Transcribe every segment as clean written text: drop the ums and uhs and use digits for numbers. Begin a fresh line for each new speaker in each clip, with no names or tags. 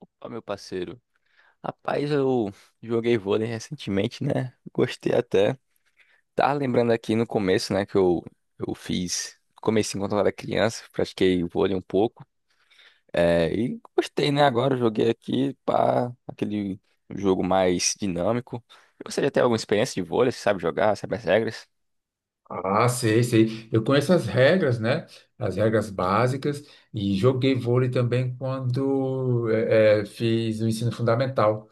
Opa, meu parceiro. Rapaz, eu joguei vôlei recentemente, né? Gostei até. Tava lembrando aqui no começo, né, que eu fiz. Comecei enquanto eu era criança, pratiquei vôlei um pouco. É, e gostei, né? Agora eu joguei aqui para aquele jogo mais dinâmico. Você já tem alguma experiência de vôlei? Você sabe jogar? Sabe as regras?
Ah, sei, sei. Eu conheço as regras, né? As regras básicas e joguei vôlei também quando fiz o ensino fundamental.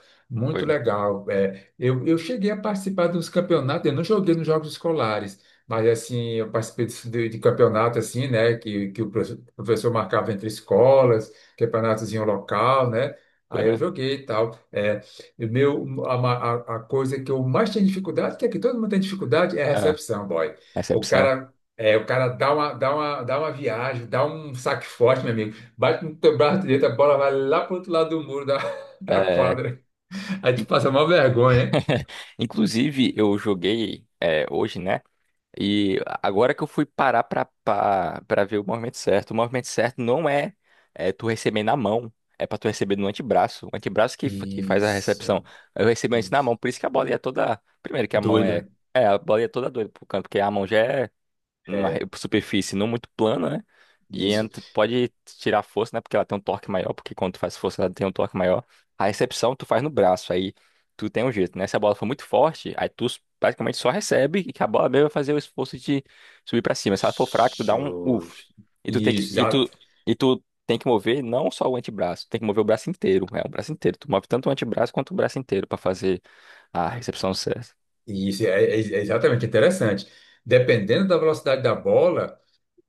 Foi,
Muito legal. Eu cheguei a participar dos campeonatos, eu não joguei nos jogos escolares, mas assim, eu participei de campeonato assim, né? Que o professor marcava entre escolas, campeonatozinho local, né?
foi
Aí eu
mesmo?
joguei e tal. Eh, o meu, a, ma- a coisa que eu mais tenho dificuldade, que é que todo mundo tem dificuldade, é a
Ah,
recepção, boy. O
recepção.
cara, é, o cara dá uma viagem, dá um saque forte, meu amigo. Bate no teu braço direito, a bola vai lá pro outro lado do muro da, da
É.
quadra. Aí te passa uma vergonha, né?
Inclusive, eu joguei é, hoje, né? E agora que eu fui parar pra ver o movimento certo não é, é tu receber na mão, é pra tu receber no antebraço. O antebraço que faz a recepção.
Isso,
Eu recebo antes na
isso.
mão, por isso que a bola ia toda. Primeiro que a mão é.
Doida.
É, a bola ia toda doida pro canto, porque a mão já é uma
É,
superfície não muito plana, né? E
isso.
pode tirar força, né? Porque ela tem um torque maior, porque quando tu faz força ela tem um torque maior. A recepção tu faz no braço, aí tu tem um jeito, né? Se a bola for muito forte, aí tu praticamente só recebe e que a bola mesmo vai fazer o esforço de subir pra cima. Se ela for fraca, tu dá um uff.
Justo.
E tu tem que
Isso,
e
já,
tu e tu tem que mover não só o antebraço, tem que mover o braço inteiro, é o braço inteiro. Tu move tanto o antebraço quanto o braço inteiro pra fazer a recepção certa.
isso, é exatamente interessante. Dependendo da velocidade da bola.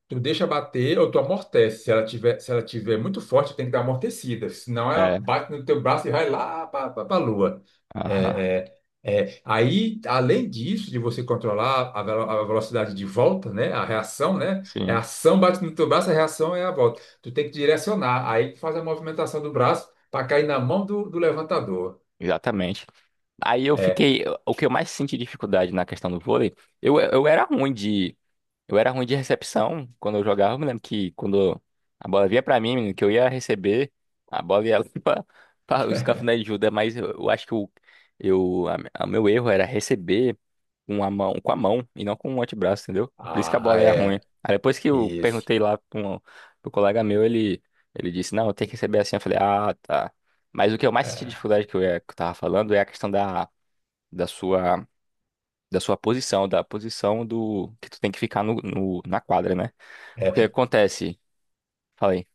Tu deixa bater ou tu amortece. Se ela tiver muito forte, tem que dar amortecida. Senão ela
É,
bate no teu braço e vai lá para a lua.
aham.
É, é, é. Aí, além disso, de você controlar a velocidade de volta, né? A reação, né? É a
Sim,
ação bate no teu braço, a reação é a volta. Tu tem que direcionar. Aí tu faz a movimentação do braço para cair na mão do levantador.
exatamente. Aí eu
É.
fiquei. O que eu mais senti dificuldade na questão do vôlei, eu era ruim de. Eu era ruim de recepção quando eu jogava. Eu me lembro que quando a bola vinha pra mim, menino, que eu ia receber, a bola ia lá pra os cafuné de Judas, mas eu acho que o eu, a meu erro era receber com a mão e não com o antebraço, entendeu? Por isso que a
Ah,
bola ia ruim.
é.
Aí depois que eu
Isso.
perguntei lá pro colega meu, ele disse, não, eu tenho que receber assim. Eu falei, ah, tá. Mas o que eu mais senti
É.
dificuldade que que eu tava falando é a questão da sua da sua posição, da posição do que tu tem que ficar na quadra, né? Porque
É.
acontece, falei.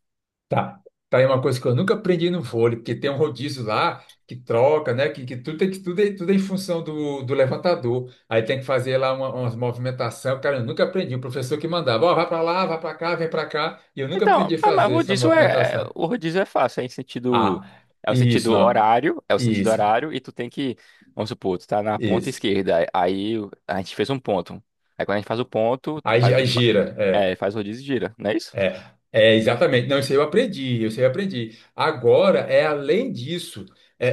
Tá. Tá aí uma coisa que eu nunca aprendi no vôlei, porque tem um rodízio lá que troca, né? Que tudo, tem que tudo é em função do levantador. Aí tem que fazer lá umas movimentação. Cara, eu nunca aprendi. O professor que mandava, ó, vai pra lá, vai pra cá, vem pra cá. E eu nunca
Então,
aprendi a
ah, mas o
fazer essa
rodízio é
movimentação.
o rodízio é fácil, é em sentido
Ah,
é o
isso,
sentido
não.
horário,
Isso,
e tu tem que, vamos supor, tu tá na ponta
isso.
esquerda, aí a gente fez um ponto. Aí quando a gente faz o ponto, tu
Aí,
faz
aí gira, é.
faz o rodízio e gira, não é isso?
É, é, exatamente. Não, isso aí eu aprendi, isso aí eu aprendi. Agora, é além disso, é,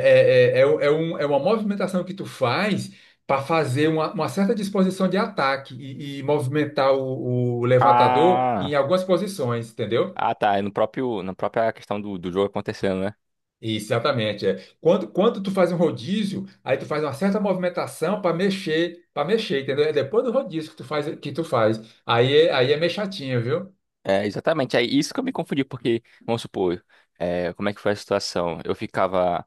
é uma movimentação que tu faz para fazer uma, certa disposição de ataque e movimentar o levantador em
Ah,
algumas posições, entendeu?
tá, é no próprio na própria questão do jogo acontecendo, né?
Exatamente. É. Quando tu faz um rodízio, aí tu faz uma certa movimentação para mexer, entendeu? É depois do rodízio que tu faz, que tu faz. Aí, aí é meio chatinho, viu?
É, exatamente. É isso que eu me confundi, porque, vamos supor, como é que foi a situação? Eu ficava,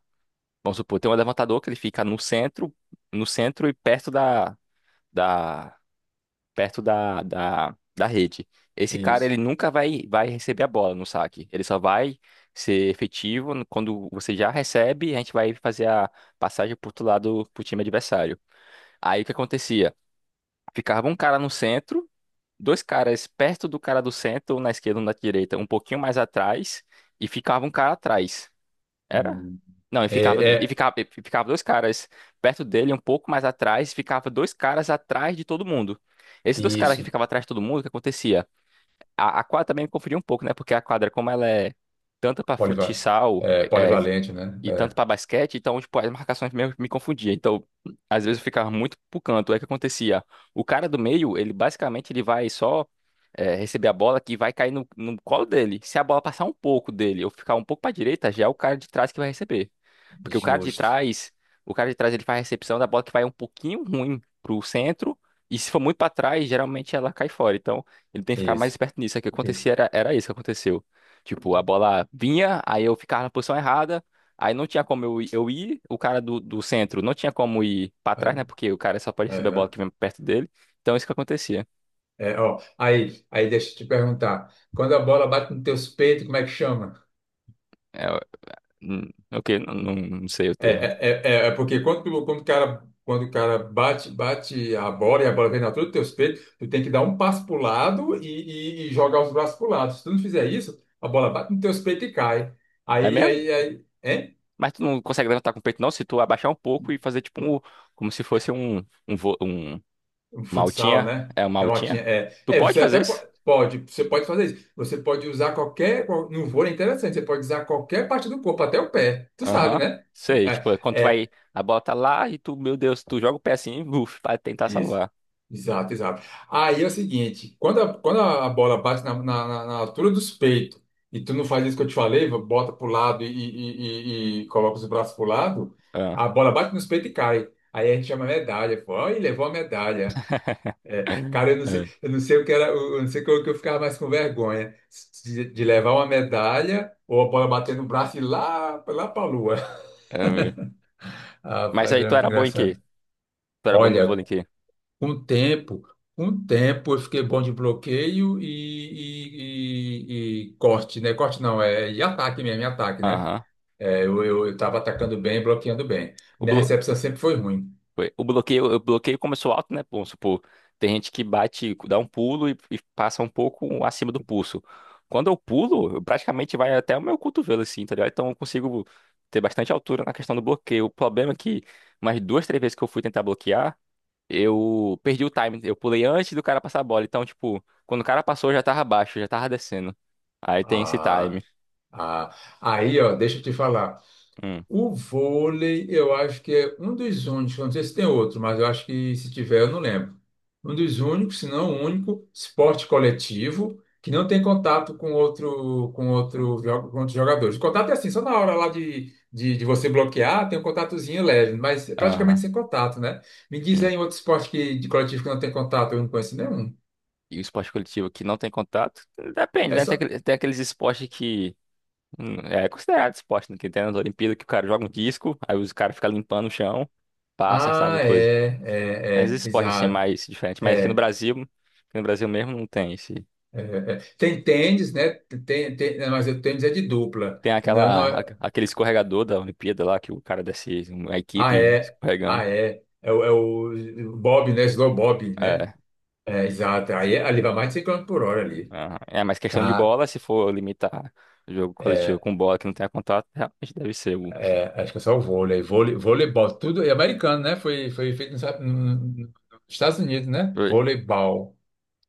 vamos supor, tem um levantador que ele fica no centro, e perto da, da rede. Esse cara,
Isso.
ele nunca vai receber a bola no saque. Ele só vai ser efetivo quando você já recebe, a gente vai fazer a passagem pro outro lado, pro time adversário. Aí o que acontecia? Ficava um cara no centro, dois caras perto do cara do centro, um na esquerda, um na direita, um pouquinho mais atrás, e ficava um cara atrás. Era?
Hum.
Não, e
É,
ficava, e
é,
ficava, e ficava dois caras perto dele, um pouco mais atrás, e ficava dois caras atrás de todo mundo. Esses dois caras que
isso.
ficavam atrás de todo mundo, o que acontecia? A quadra também me confundiu um pouco, né? Porque a quadra, como ela é tanto para
Poliva-
futsal
é,
é, é,
polivalente, né?
e tanto
É,
para basquete, então, tipo, as marcações meio que me confundiam. Então, às vezes eu ficava muito pro canto. Aí o que acontecia? O cara do meio, ele basicamente ele vai só receber a bola que vai cair no colo dele. Se a bola passar um pouco dele ou ficar um pouco para direita, já é o cara de trás que vai receber. Porque o cara de
justo.
trás, o cara de trás ele faz a recepção da bola que vai um pouquinho ruim pro centro. E se for muito para trás, geralmente ela cai fora. Então, ele tem que ficar mais
Isso,
esperto nisso. É que
isso.
acontecia, era isso que aconteceu. Tipo, a bola vinha, aí eu ficava na posição errada, aí não tinha como eu ir, o cara do centro não tinha como ir pra trás,
Aí,
né? Porque o cara só pode receber a bola
aham.
que vem perto dele. Então, isso que acontecia.
É, ó, aí deixa eu te perguntar. Quando a bola bate nos teus peitos, como é que chama?
É, ok, não, não, não sei o
É,
termo.
é, é porque quando o cara bate, bate a bola e a bola vem na altura dos teus peitos, tu tem que dar um passo pro lado e, e jogar os braços pro lado. Se tu não fizer isso, a bola bate nos teus peitos e cai.
É
Aí,
mesmo?
aí, aí. Hein?
Mas tu não consegue levantar com o peito, não? Se tu abaixar um pouco e fazer tipo um. Como se fosse um. Um. vo- um uma
Futsal,
altinha.
né?
É uma
É
altinha?
latinha. É,
Tu
é
pode
você até
fazer
po-
isso?
pode, você pode fazer isso. Você pode usar qualquer. No vôlei é interessante, você pode usar qualquer parte do corpo, até o pé. Tu sabe,
Aham.
né?
Sei,
É,
tipo, é quando tu vai,
é
a bola tá lá e tu, meu Deus, tu joga o pé assim, buf, pra tentar
isso.
salvar.
Exato, exato. Aí é o seguinte, quando a, bola bate na altura dos peitos e tu não faz isso que eu te falei, bota pro lado e, e coloca os braços pro lado,
Ah.
a bola bate nos peitos e cai. Aí a gente chama medalha, pô. Aí levou a medalha. Cara,
É,
eu não sei o que era, eu não sei o que eu ficava mais com vergonha de levar uma medalha ou a bola bater no braço e ir lá pra lua.
é mesmo.
Ah,
Mas
rapaz,
aí
era
tu
muito
era bom em quê?
engraçado.
Tu era bom no
Olha,
vôlei em quê?
com o tempo, com o tempo eu fiquei bom de bloqueio e corte, né? Corte não, é e ataque mesmo, e ataque, né?
Aham.
É, eu tava atacando bem, bloqueando bem.
O,
Minha
blo...
recepção sempre foi ruim.
foi, o bloqueio começou alto, né? Vamos supor, tem gente que bate, dá um pulo e passa um pouco acima do pulso. Quando eu pulo, eu praticamente vai até o meu cotovelo, assim, tá ligado? Então eu consigo ter bastante altura na questão do bloqueio. O problema é que umas duas, três vezes que eu fui tentar bloquear, eu perdi o time. Eu pulei antes do cara passar a bola. Então, tipo, quando o cara passou, eu já tava abaixo, eu já tava descendo. Aí tem esse time.
Ah, ah. Aí, ó, deixa eu te falar.
Hum,
O vôlei, eu acho que é um dos únicos, eu não sei se tem outro, mas eu acho que se tiver, eu não lembro. Um dos únicos, se não o único, esporte coletivo que não tem contato com outros jogadores. O contato é assim, só na hora lá de você bloquear, tem um contatozinho leve, mas é
aham,
praticamente sem contato, né? Me diz
sim.
aí um outro esporte que, de coletivo que não tem contato, eu não conheço nenhum.
E o esporte coletivo que não tem contato? Depende,
É
né? Tem,
só.
aquele- tem aqueles esportes que é considerado esporte, né? Que tem nas Olimpíadas que o cara joga um disco, aí os caras ficam limpando o chão pra acertar
Ah,
no coisa.
é, é,
Tem
é,
esses esportes assim
exato.
mais diferentes, mas aqui no
É.
Brasil, aqui no Brasil mesmo não tem esse.
É, é. É. Tem tênis, né? Tem, tem, não, mas o tênis é de dupla.
Tem
Não, não
aquela, a-
é.
aquele escorregador da Olimpíada lá que o cara desce, uma
Ah,
equipe
é.
escorregando.
Ah, é. É o Bob, né? Slow Bob, né?
É,
É, exato. Aí ali vai mais de 100 km por hora ali.
aham. É, mas questão de
Tá.
bola, se for limitar o jogo coletivo
É,
com bola que não tenha contato, realmente deve ser o.
é, acho que é só o vôlei. Vôlei, voleibol, tudo. É americano, né? Foi feito nos, no- no- nos Estados Unidos, né?
Foi.
Voleibol.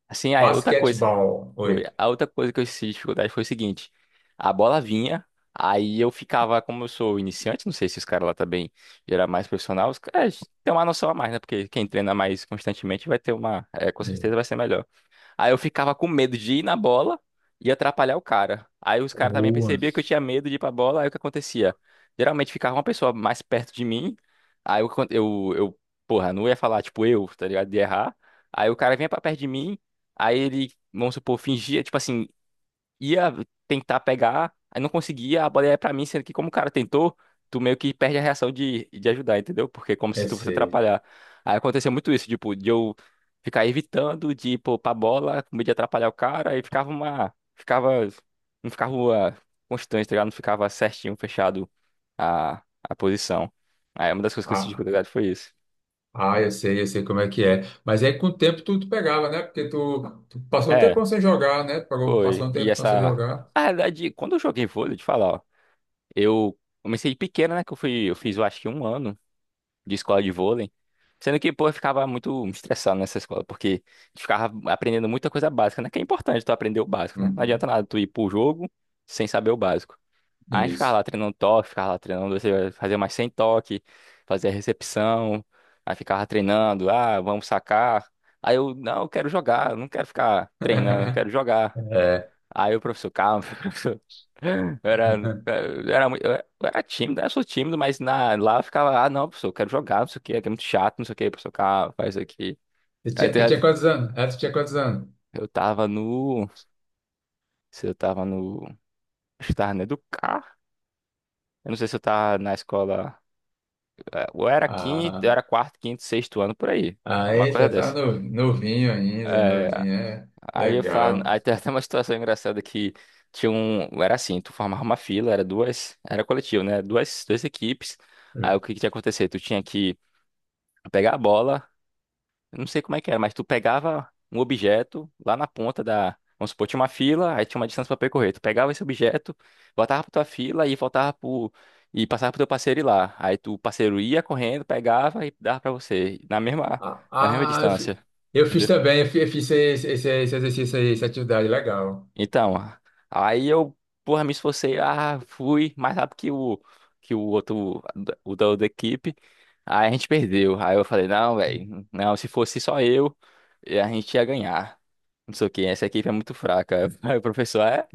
Assim, aí, outra coisa.
Basquetebol.
Foi.
Oi.
A outra coisa que eu senti dificuldade foi o seguinte: a bola vinha, aí eu ficava, como eu sou iniciante, não sei se os caras lá também já era mais profissional, os caras têm uma noção a mais, né? Porque quem treina mais constantemente vai ter uma. Com certeza
É.
vai ser melhor. Aí eu ficava com medo de ir na bola e atrapalhar o cara. Aí os caras também
Boa.
percebiam que eu tinha medo de ir pra bola, aí o que acontecia? Geralmente ficava uma pessoa mais perto de mim, aí eu porra, não ia falar, tipo, eu, tá ligado? De errar. Aí o cara vinha pra perto de mim, aí ele, vamos supor, fingia, tipo assim, ia tentar pegar, aí não conseguia, a bola ia pra mim, sendo que como o cara tentou, tu meio que perde a reação de ajudar, entendeu? Porque é como se tu fosse
Esse.
atrapalhar. Aí aconteceu muito isso, tipo, de eu ficar evitando de ir pô, pra bola, com medo de atrapalhar o cara, aí não ficava uma constante, tá ligado? Não ficava certinho, fechado a posição. Aí uma das coisas que eu senti de dificuldade foi isso.
Ah, eu sei como é que é. Mas aí com o tempo tu pegava, né? Porque tu passou um
É,
tempão sem jogar, né?
foi.
Passou um
E
tempo sem
essa.
jogar.
Na verdade quando eu joguei vôlei, de falar, ó, eu comecei pequena, né? Que eu fui, eu fiz, eu acho que um ano de escola de vôlei. Sendo que, pô, eu ficava muito estressado nessa escola, porque a gente ficava aprendendo muita coisa básica, né? Que é importante tu aprender o básico, né? Não
Uhum.
adianta nada tu ir pro jogo sem saber o básico. Aí a gente ficava
Isso.
lá treinando toque, ficava lá treinando, você fazia mais sem toque, fazia recepção, aí ficava treinando, ah, vamos sacar. Aí eu, não, eu quero jogar, eu não quero ficar treinando, eu quero jogar.
É.
Aí o professor, calma, era, era muito, eu era tímido, eu sou tímido, mas lá eu ficava, ah, não, professor, eu quero jogar, não sei o que, é muito chato, não sei o que, professor, cara, faz isso aqui.
Tu
Aí
tinha,
tem-
tu tinha quantos anos? É, tu tinha quantos anos?
eu tava no, se eu tava no, acho que tava no Educar, eu não sei se eu tava na escola, ou era quinto, eu
Ah,
era quarto, quinto, sexto ano, por aí, uma
aí
coisa
você tá
dessa.
novinho ainda,
É,
novinho, é.
aí eu falava,
Legal.
aí tem até uma situação engraçada que era assim, tu formava uma fila, era coletivo, né, duas equipes, aí o que que tinha que acontecer? Tu tinha que pegar a bola, eu não sei como é que era, mas tu pegava um objeto lá na ponta da. Vamos supor, tinha uma fila, aí tinha uma distância pra percorrer. Tu pegava esse objeto, voltava pra tua fila e voltava pro. E passava pro teu parceiro ir lá. Aí tu, o parceiro ia correndo, pegava e dava pra você. Na mesma,
Ah,
na mesma
ah, eu fi-
distância.
eu fiz, também, eu fi- eu fiz, esse exercício aí, essa atividade, legal.
Então, aí eu, porra, me esforcei, ah, fui mais rápido que o outro, o da outra equipe. Aí a gente perdeu. Aí eu falei, não, velho, não, se fosse só eu, a gente ia ganhar. Não sei o que, essa equipe é muito fraca. Aí o professor, é?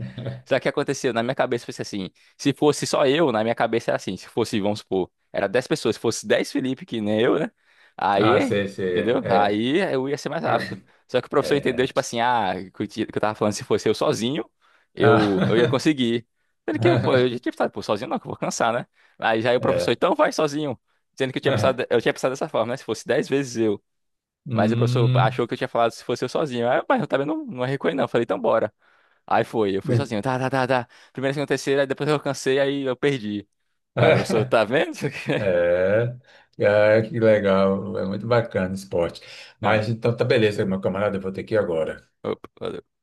Só que aconteceu, na minha cabeça foi assim, se fosse só eu, na minha cabeça era assim, se fosse, vamos supor, era 10 pessoas, se fosse 10 Felipe, que nem eu, né?
Ah,
Aí,
sei, sei,
entendeu?
é.
Aí eu ia ser mais rápido. Só que o
É.
professor entendeu,
É.
tipo assim, ah, que eu tava falando, se fosse eu sozinho, eu ia
Ah,
conseguir. Sendo que eu, pô, eu já tinha pensado, pô, sozinho não, que eu vou cansar, né? Aí já aí o professor,
é.
então vai sozinho. Sendo que eu tinha pensado,
É.
eu tinha pensado dessa forma, né? Se fosse 10 vezes eu. Mas o professor
Hum.
achou que eu tinha falado se fosse eu sozinho. Aí, mas eu também não, não recuei, não. Falei, então bora. Aí foi, eu fui
Né?
sozinho. Tá, tá, tá, tá. Primeira, segunda, terceira, aí depois eu cansei, aí eu perdi. Aí o professor, tá vendo?
É, é, que legal, é muito bacana o esporte. Mas então tá beleza, meu camarada, eu vou ter que ir agora.
É.